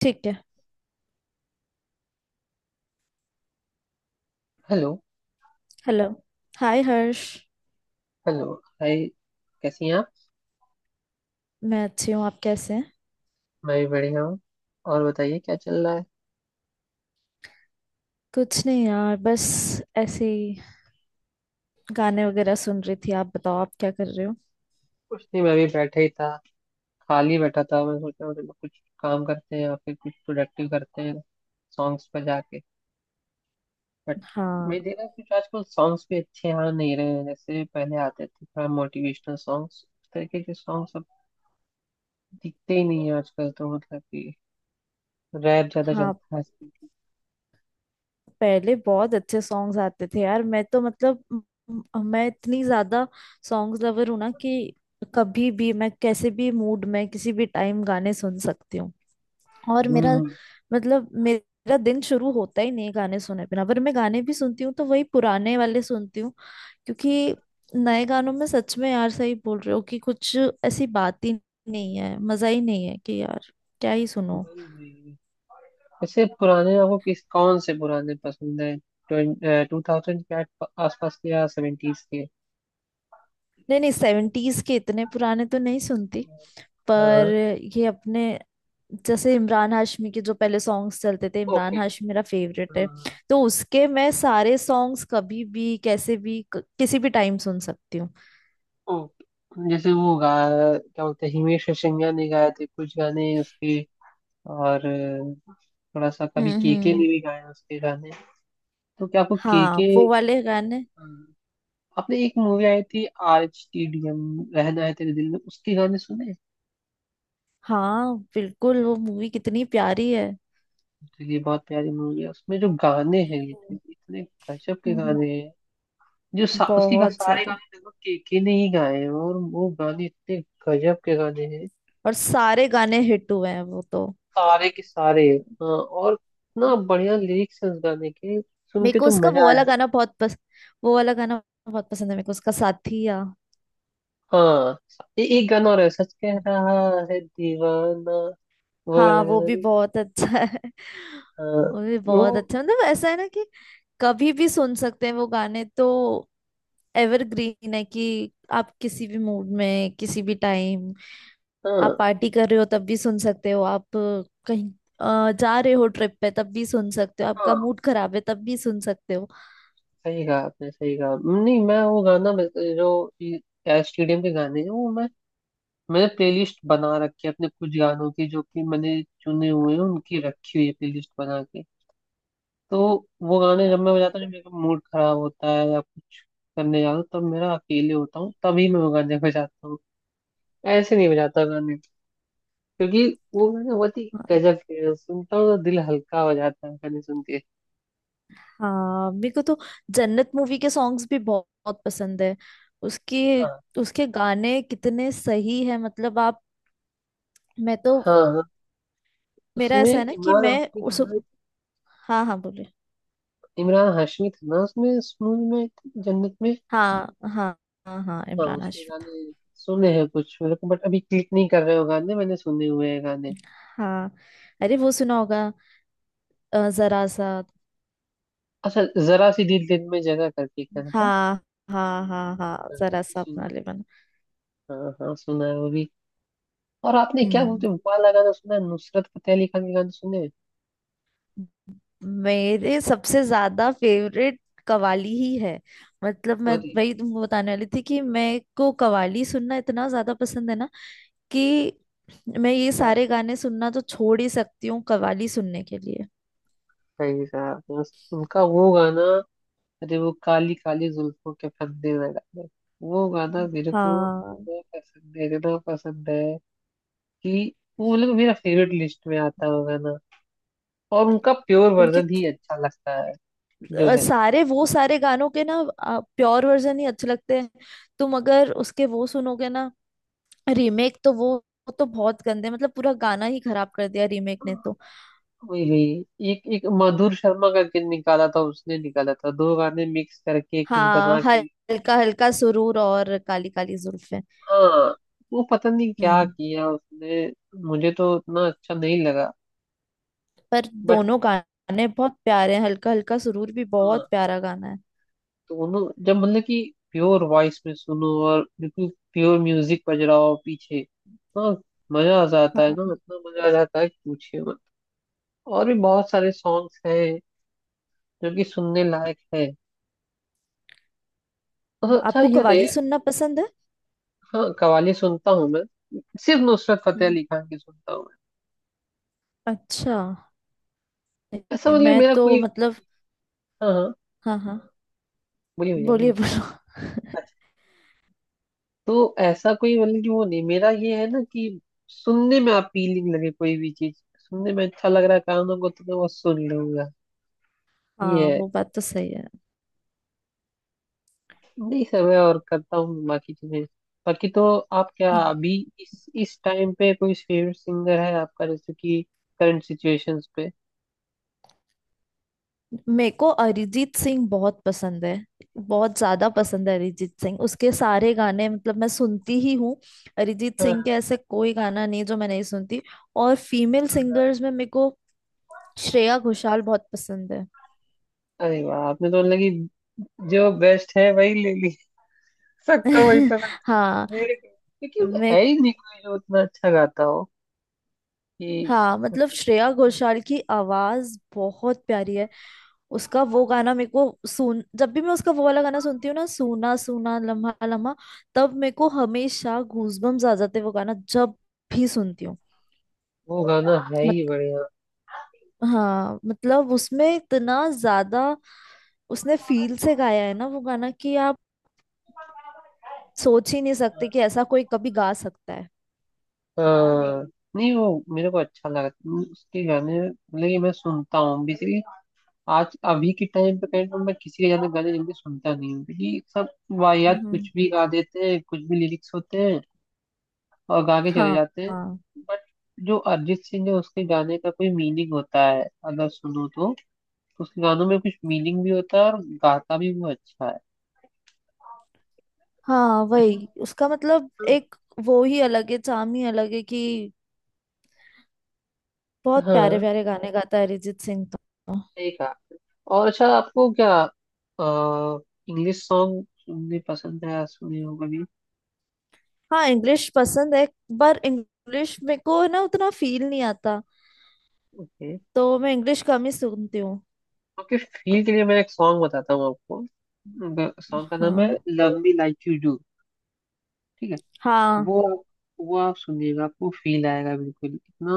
ठीक है। Hello. Hello. Hi Harsh. Hello. Hi. कैसी हैं आप? मैं अच्छी हूँ, आप कैसे हैं? मैं भी बढ़िया हूँ। और बताइए क्या चल रहा है? कुछ नहीं यार, बस ऐसे ही गाने वगैरह सुन रही थी। आप बताओ, आप क्या कर रहे हो? कुछ नहीं, मैं भी बैठा ही था। खाली बैठा था, मैं सोचा मतलब कुछ काम करते हैं या फिर कुछ प्रोडक्टिव करते हैं, सॉन्ग्स पर जाके। बट हाँ। मैं देखा कुछ आजकल सॉन्ग्स भी अच्छे आ नहीं रहे हैं जैसे पहले आते थे। थोड़ा मोटिवेशनल सॉन्ग्स, उस तरीके के सॉन्ग्स अब दिखते ही नहीं है आजकल, तो मतलब कि रैप ज्यादा हाँ, चलता है आजकल। पहले बहुत अच्छे सॉन्ग्स आते थे यार। मैं तो मतलब मैं इतनी ज्यादा सॉन्ग्स लवर हूँ ना कि कभी भी मैं कैसे भी मूड में किसी भी टाइम गाने सुन सकती हूँ। और मेरा, हम्म। मतलब मेरा दिन शुरू होता ही नहीं है गाने सुने बिना। पर मैं गाने भी सुनती हूँ तो वही पुराने वाले सुनती हूँ, क्योंकि नए गानों में सच में यार, सही बोल रहे हो कि कुछ ऐसी बात ही नहीं है, मजा ही नहीं है कि यार क्या ही सुनो। वही वही, वैसे पुराने आपको किस कौन से पुराने पसंद है? टू थाउजेंड के आसपास के या सेवेंटीज के? नहीं, नहीं, सेवेंटीज के इतने पुराने तो नहीं सुनती, पर हाँ। ये अपने, जैसे इमरान हाशमी के जो पहले सॉन्ग्स चलते थे, ओके। इमरान हाशमी मेरा फेवरेट है। हाँ, तो उसके मैं सारे सॉन्ग्स कभी भी कैसे भी किसी भी टाइम सुन सकती हूँ। ओके। जैसे वो गा क्या बोलते हैं, हिमेश रेशमिया ने गाए थे कुछ गाने उसके। और थोड़ा सा हम्म, कभी केके हम्म। ने भी गाए उसके गाने। तो क्या आपको हाँ, केके, वो वाले गाने। आपने एक मूवी आई थी, RHTDM, रहना है तेरे दिल में, उसके गाने सुने? हाँ बिल्कुल, वो मूवी कितनी प्यारी है। तो ये बहुत प्यारी मूवी है, उसमें जो गाने हैं ये हम्म, इतने गजब के हम्म। गाने। जो सा, उसके गा- बहुत सारे ज्यादा। गाने लगभग केके ने ही गाए हैं, और वो गाने इतने गजब के गाने हैं। और सारे गाने हिट हुए हैं वो तो। सारे के सारे। हाँ, और इतना बढ़िया लिरिक्स है उस गाने के, सुन मेरे के को तो उसका मजा आया। वो वाला गाना बहुत पसंद है मेरे को, उसका साथिया। हाँ। एक गाना और है, सच कह रहा है दीवाना, वो हाँ, वाला वो गाना भी भी। बहुत अच्छा है। हाँ। वो भी वो बहुत अच्छा है। मतलब ऐसा है ना कि कभी भी सुन सकते हैं वो गाने तो, एवरग्रीन है कि आप किसी भी मूड में किसी भी टाइम, आप हाँ पार्टी कर रहे हो तब भी सुन सकते हो, आप कहीं जा रहे हो ट्रिप पे तब भी सुन सकते हो, आपका हाँ। मूड खराब है तब भी सुन सकते हो। सही कहा आपने, सही कहा। नहीं मैं वो गाना बस- जो स्टेडियम के गाने हैं, वो मैं, मैंने प्लेलिस्ट बना रखी है अपने कुछ गानों की, जो कि मैंने चुने हुए हैं, उनकी रखी हुई है प्लेलिस्ट बना के। तो वो गाने जब मैं बजाता हूँ, जब मेरा मूड खराब होता है या कुछ करने जाता हूँ, तब मेरा अकेले होता हूँ, तभी मैं वो गाने बजाता हूँ। ऐसे नहीं बजाता गाने, क्योंकि वो गाने बहुत ही हाँ। गजब के हैं। सुनता हूँ तो दिल हल्का हो जाता है गाने सुन के। हाँ, मेरे को तो जन्नत मूवी के सॉन्ग्स भी बहुत, बहुत पसंद है उसके। हाँ। उसके गाने कितने सही है, मतलब आप, मैं तो, हाँ, मेरा उसमें ऐसा है ना कि इमरान मैं हाशमी था उस, ना। हाँ हाँ बोले। इमरान हाशमी था ना उसमें, इस मूवी में, जन्नत में। हाँ, हाँ। हाँ, हाँ, हाँ, इमरान उसके हाशमी था। गाने सुने हैं कुछ मेरे को, बट अभी क्लिक नहीं कर रहे हो गाने, मैंने सुने हुए हैं गाने। हाँ, अरे वो सुना होगा, जरा सा। अच्छा, जरा सी दिल दिन में जगह करके एक गाना था, हाँ, हाँ, हाँ। हाँ, जरा सा अपना सुना लेमन। है। हाँ हाँ, सुना है वो भी। और आपने क्या हम्म। बोलते हो वाला गाना सुना है, नुसरत फतेह अली खान के गाने सुने हैं? मेरे सबसे ज्यादा फेवरेट कवाली ही है। मतलब मैं अरे। वही तुमको बताने वाली थी कि मैं को कवाली सुनना इतना ज्यादा पसंद है ना, कि मैं ये सारे हाँ, गाने सुनना तो छोड़ ही सकती हूँ कवाली सुनने के लिए। सही कहा आपने। उनका वो गाना, अरे वो काली काली जुल्फों के फंदे में गाना, वो गाना मेरे को हाँ। इतना पसंद है, इतना पसंद है कि वो मतलब मेरा फेवरेट लिस्ट में आता है वो गाना। और उनका प्योर उनके वर्जन त- ही अच्छा लगता है जो है। सारे, वो सारे गानों के ना प्योर वर्जन ही अच्छे लगते हैं। तुम अगर उसके वो सुनोगे ना रीमेक, तो वो तो बहुत गंदे, मतलब पूरा गाना ही खराब कर दिया रीमेक ने तो। वही वही, एक एक मधुर शर्मा का किन निकाला था, उसने निकाला था दो गाने मिक्स करके कुछ हाँ, बना के। हल्का हल्का सुरूर और काली काली जुल्फें। हाँ। वो पता नहीं क्या हम्म, किया उसने, मुझे तो उतना अच्छा नहीं लगा। पर बट दोनों गाने बहुत प्यारे हैं, हल्का हल्का सुरूर भी हाँ, बहुत प्यारा गाना है। दोनों जब मतलब कि प्योर वॉइस में सुनो और बिल्कुल प्योर म्यूजिक बज रहा हो पीछे, हाँ, मजा आ जाता है ना, हाँ। इतना मजा आ जाता है कि पूछिए मत। और भी बहुत सारे सॉन्ग्स हैं जो कि सुनने लायक है। हाँ, अच्छा आपको ये कव्वाली बताइए, सुनना पसंद है? हाँ कव्वाली सुनता हूँ मैं, सिर्फ नुसरत फतेह हम्म। अली खान की सुनता हूँ मैं। अच्छा। ऐसा नहीं, मतलब मैं मेरा तो कोई, मतलब। हाँ हाँ, हाँ, हाँ। बोलिए भैया बोलिए, बोलिए। बोलो। अच्छा, तो ऐसा कोई मतलब कि वो नहीं, मेरा ये है ना कि सुनने में अपीलिंग लगे, कोई भी चीज सुनने में अच्छा लग रहा है कानों को तो मैं वो सुन लूंगा। ये हाँ है। वो बात तो सही है। नहीं, सब है और करता हूँ बाकी चीजें, बाकी तो। आप क्या हम्म। अभी इस टाइम पे कोई फेवरेट सिंगर है आपका, जैसे कि करंट सिचुएशंस पे? मेरे को अरिजीत सिंह बहुत पसंद है। बहुत ज्यादा पसंद है अरिजीत सिंह, उसके सारे गाने मतलब मैं सुनती ही हूँ। अरिजीत सिंह के हाँ। ऐसे कोई गाना नहीं जो मैं नहीं सुनती। और फीमेल सिंगर्स में मेरे को श्रेया घोषाल बहुत पसंद है। अरे वाह, आपने तो मतलब कि जो बेस्ट है वही ले, सबको वही पसंद हाँ। है मेरे को, क्योंकि वो मैं। है ही नहीं कोई जो उतना अच्छा गाता हो कि हाँ, मतलब मतलब। श्रेया घोषाल की आवाज बहुत प्यारी है। उसका वो गाना मेरे को, सुन जब भी मैं उसका वो वाला गाना सुनती हूँ ना, सूना सूना लम्हा लम्हा, तब मेरे को हमेशा गूजबम्स आ जाते हैं, वो गाना जब भी सुनती हूँ। वो गाना है ही मत, बढ़िया। हाँ मतलब उसमें इतना ज्यादा, उसने फील से गाया है ना वो गाना कि आप सोच ही नहीं सकते कि ऐसा कोई कभी गा सकता है। हाँ, नहीं वो मेरे को अच्छा लगता है उसके गाने, मतलब कि मैं सुनता हूँ बेसिकली। आज अभी के टाइम पे कहीं तो मैं किसी के गाने गाने जल्दी सुनता नहीं हूँ, क्योंकि सब वाहियात हम्म। कुछ भी गा देते हैं, कुछ भी लिरिक्स होते हैं और गा के चले हाँ, जाते हैं। हाँ, बट जो अरिजीत सिंह है, उसके गाने का कोई मीनिंग होता है अगर सुनो तो, उसके गानों में कुछ मीनिंग भी होता है और गाता भी वो अच्छा है। हाँ। वही उसका मतलब, एक वो ही अलग है, चाम ही अलग है कि बहुत प्यारे हाँ, प्यारे गाने गाता है अरिजीत सिंह तो। सही कहा आपने। और अच्छा आपको क्या, आ, इंग्लिश सॉन्ग सुनने पसंद है, सुने हो कभी? हाँ, इंग्लिश पसंद है, पर इंग्लिश मेरे को ना उतना फील नहीं आता, ओके। तो मैं इंग्लिश कम ही सुनती हूँ। आपके फील के लिए मैं एक सॉन्ग बताता हूँ आपको, सॉन्ग का नाम है हाँ। Love me like you do. ठीक है। हाँ। वो वो आप सुनिएगा, आपको फील आएगा बिल्कुल इतना।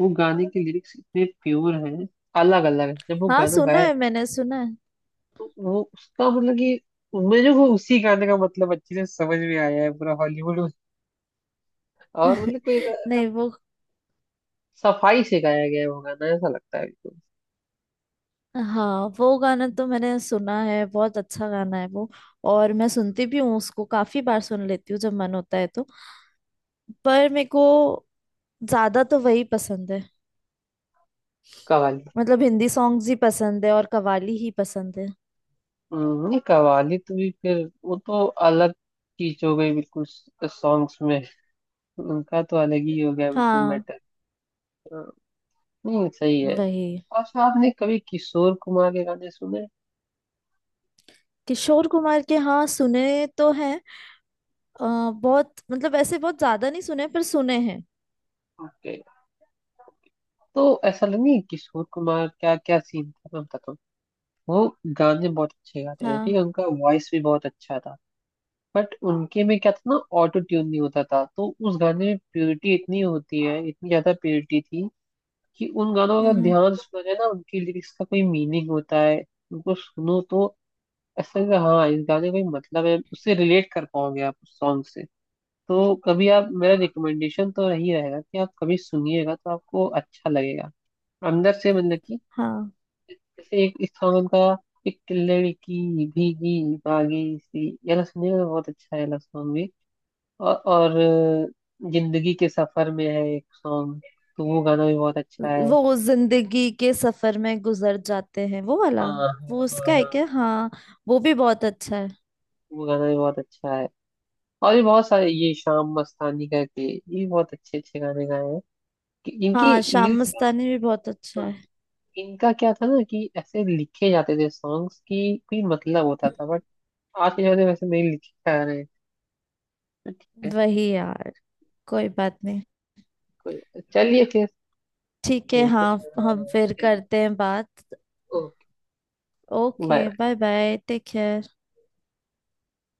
वो गाने के लिरिक्स इतने प्योर हैं, अलग अलग है जब वो हाँ, गाना सुना गाया, है, मैंने सुना है। तो वो उसका मतलब कि मुझे वो उसी गाने का मतलब अच्छे से समझ में आया है पूरा हॉलीवुड में। और मतलब कोई ऐसा, ऐसा नहीं वो। सफाई से गाया गया है वो गाना ऐसा लगता है बिल्कुल। हाँ वो गाना तो मैंने सुना है, बहुत अच्छा गाना है वो। और मैं सुनती भी हूँ उसको, काफी बार सुन लेती हूँ जब मन होता है तो। पर मेरे को ज्यादा तो वही पसंद है, कवाली। मतलब हिंदी सॉन्ग्स ही पसंद है और कव्वाली ही पसंद है। नहीं कवाली तो भी फिर वो तो अलग चीज हो गई बिल्कुल, सॉन्ग्स में उनका तो अलग ही हो गया बिल्कुल हाँ, मैटर। नहीं सही है। वही। अच्छा, आपने कभी किशोर कुमार के गाने सुने? किशोर कुमार के? हाँ, सुने तो हैं। बहुत, मतलब ऐसे बहुत ज्यादा नहीं सुने, पर सुने हैं। ओके। तो ऐसा लगे किशोर कुमार, क्या क्या सीन था मैं बताता हूँ। वो गाने बहुत अच्छे गाते थे, ठीक हाँ। है, उनका वॉइस भी बहुत अच्छा था। बट उनके में क्या था ना, ऑटो ट्यून नहीं होता था, तो उस गाने में प्योरिटी इतनी होती है, इतनी ज्यादा प्योरिटी थी कि उन गानों का हम्म, हम्म। ध्यान सुना जाए ना, उनकी लिरिक्स का कोई मीनिंग होता है। उनको सुनो तो ऐसा लगेगा हाँ इस गाने का कोई मतलब है, उससे रिलेट कर पाओगे आप उस सॉन्ग से। तो कभी आप, मेरा रिकमेंडेशन तो यही रहेगा कि आप कभी सुनिएगा तो आपको अच्छा लगेगा अंदर से, मतलब कि हाँ, जैसे एक इस सॉन्ग उनका, एक लड़की भीगी भागी सी, ये वाला सुनिएगा बहुत अच्छा है ये वाला सॉन्ग भी। और जिंदगी के सफर में है एक सॉन्ग, तो वो गाना भी बहुत अच्छा है। वो जिंदगी के सफर में गुजर जाते हैं वो वाला, हाँ वो हाँ उसका है हाँ, क्या? हाँ, वो भी बहुत अच्छा है। वो गाना भी बहुत अच्छा है। और भी बहुत सारे, ये शाम मस्तानी करके, ये बहुत अच्छे अच्छे गाने गाए हैं कि इनकी हाँ, शाम लिरिक्स का, मस्तानी भी बहुत अच्छा है। इनका क्या था ना कि ऐसे लिखे जाते थे सॉन्ग्स की कोई मतलब होता हम्म। था। बट आज के जमाने में वैसे नहीं लिखे जा रहे हैं। ठीक है। वही यार, कोई बात नहीं। चलिए फिर ठीक है, मिलते हाँ। हैं, हम हाँ फिर चलिए। करते हैं बात। Okay okay, bye. Bye bye, take care.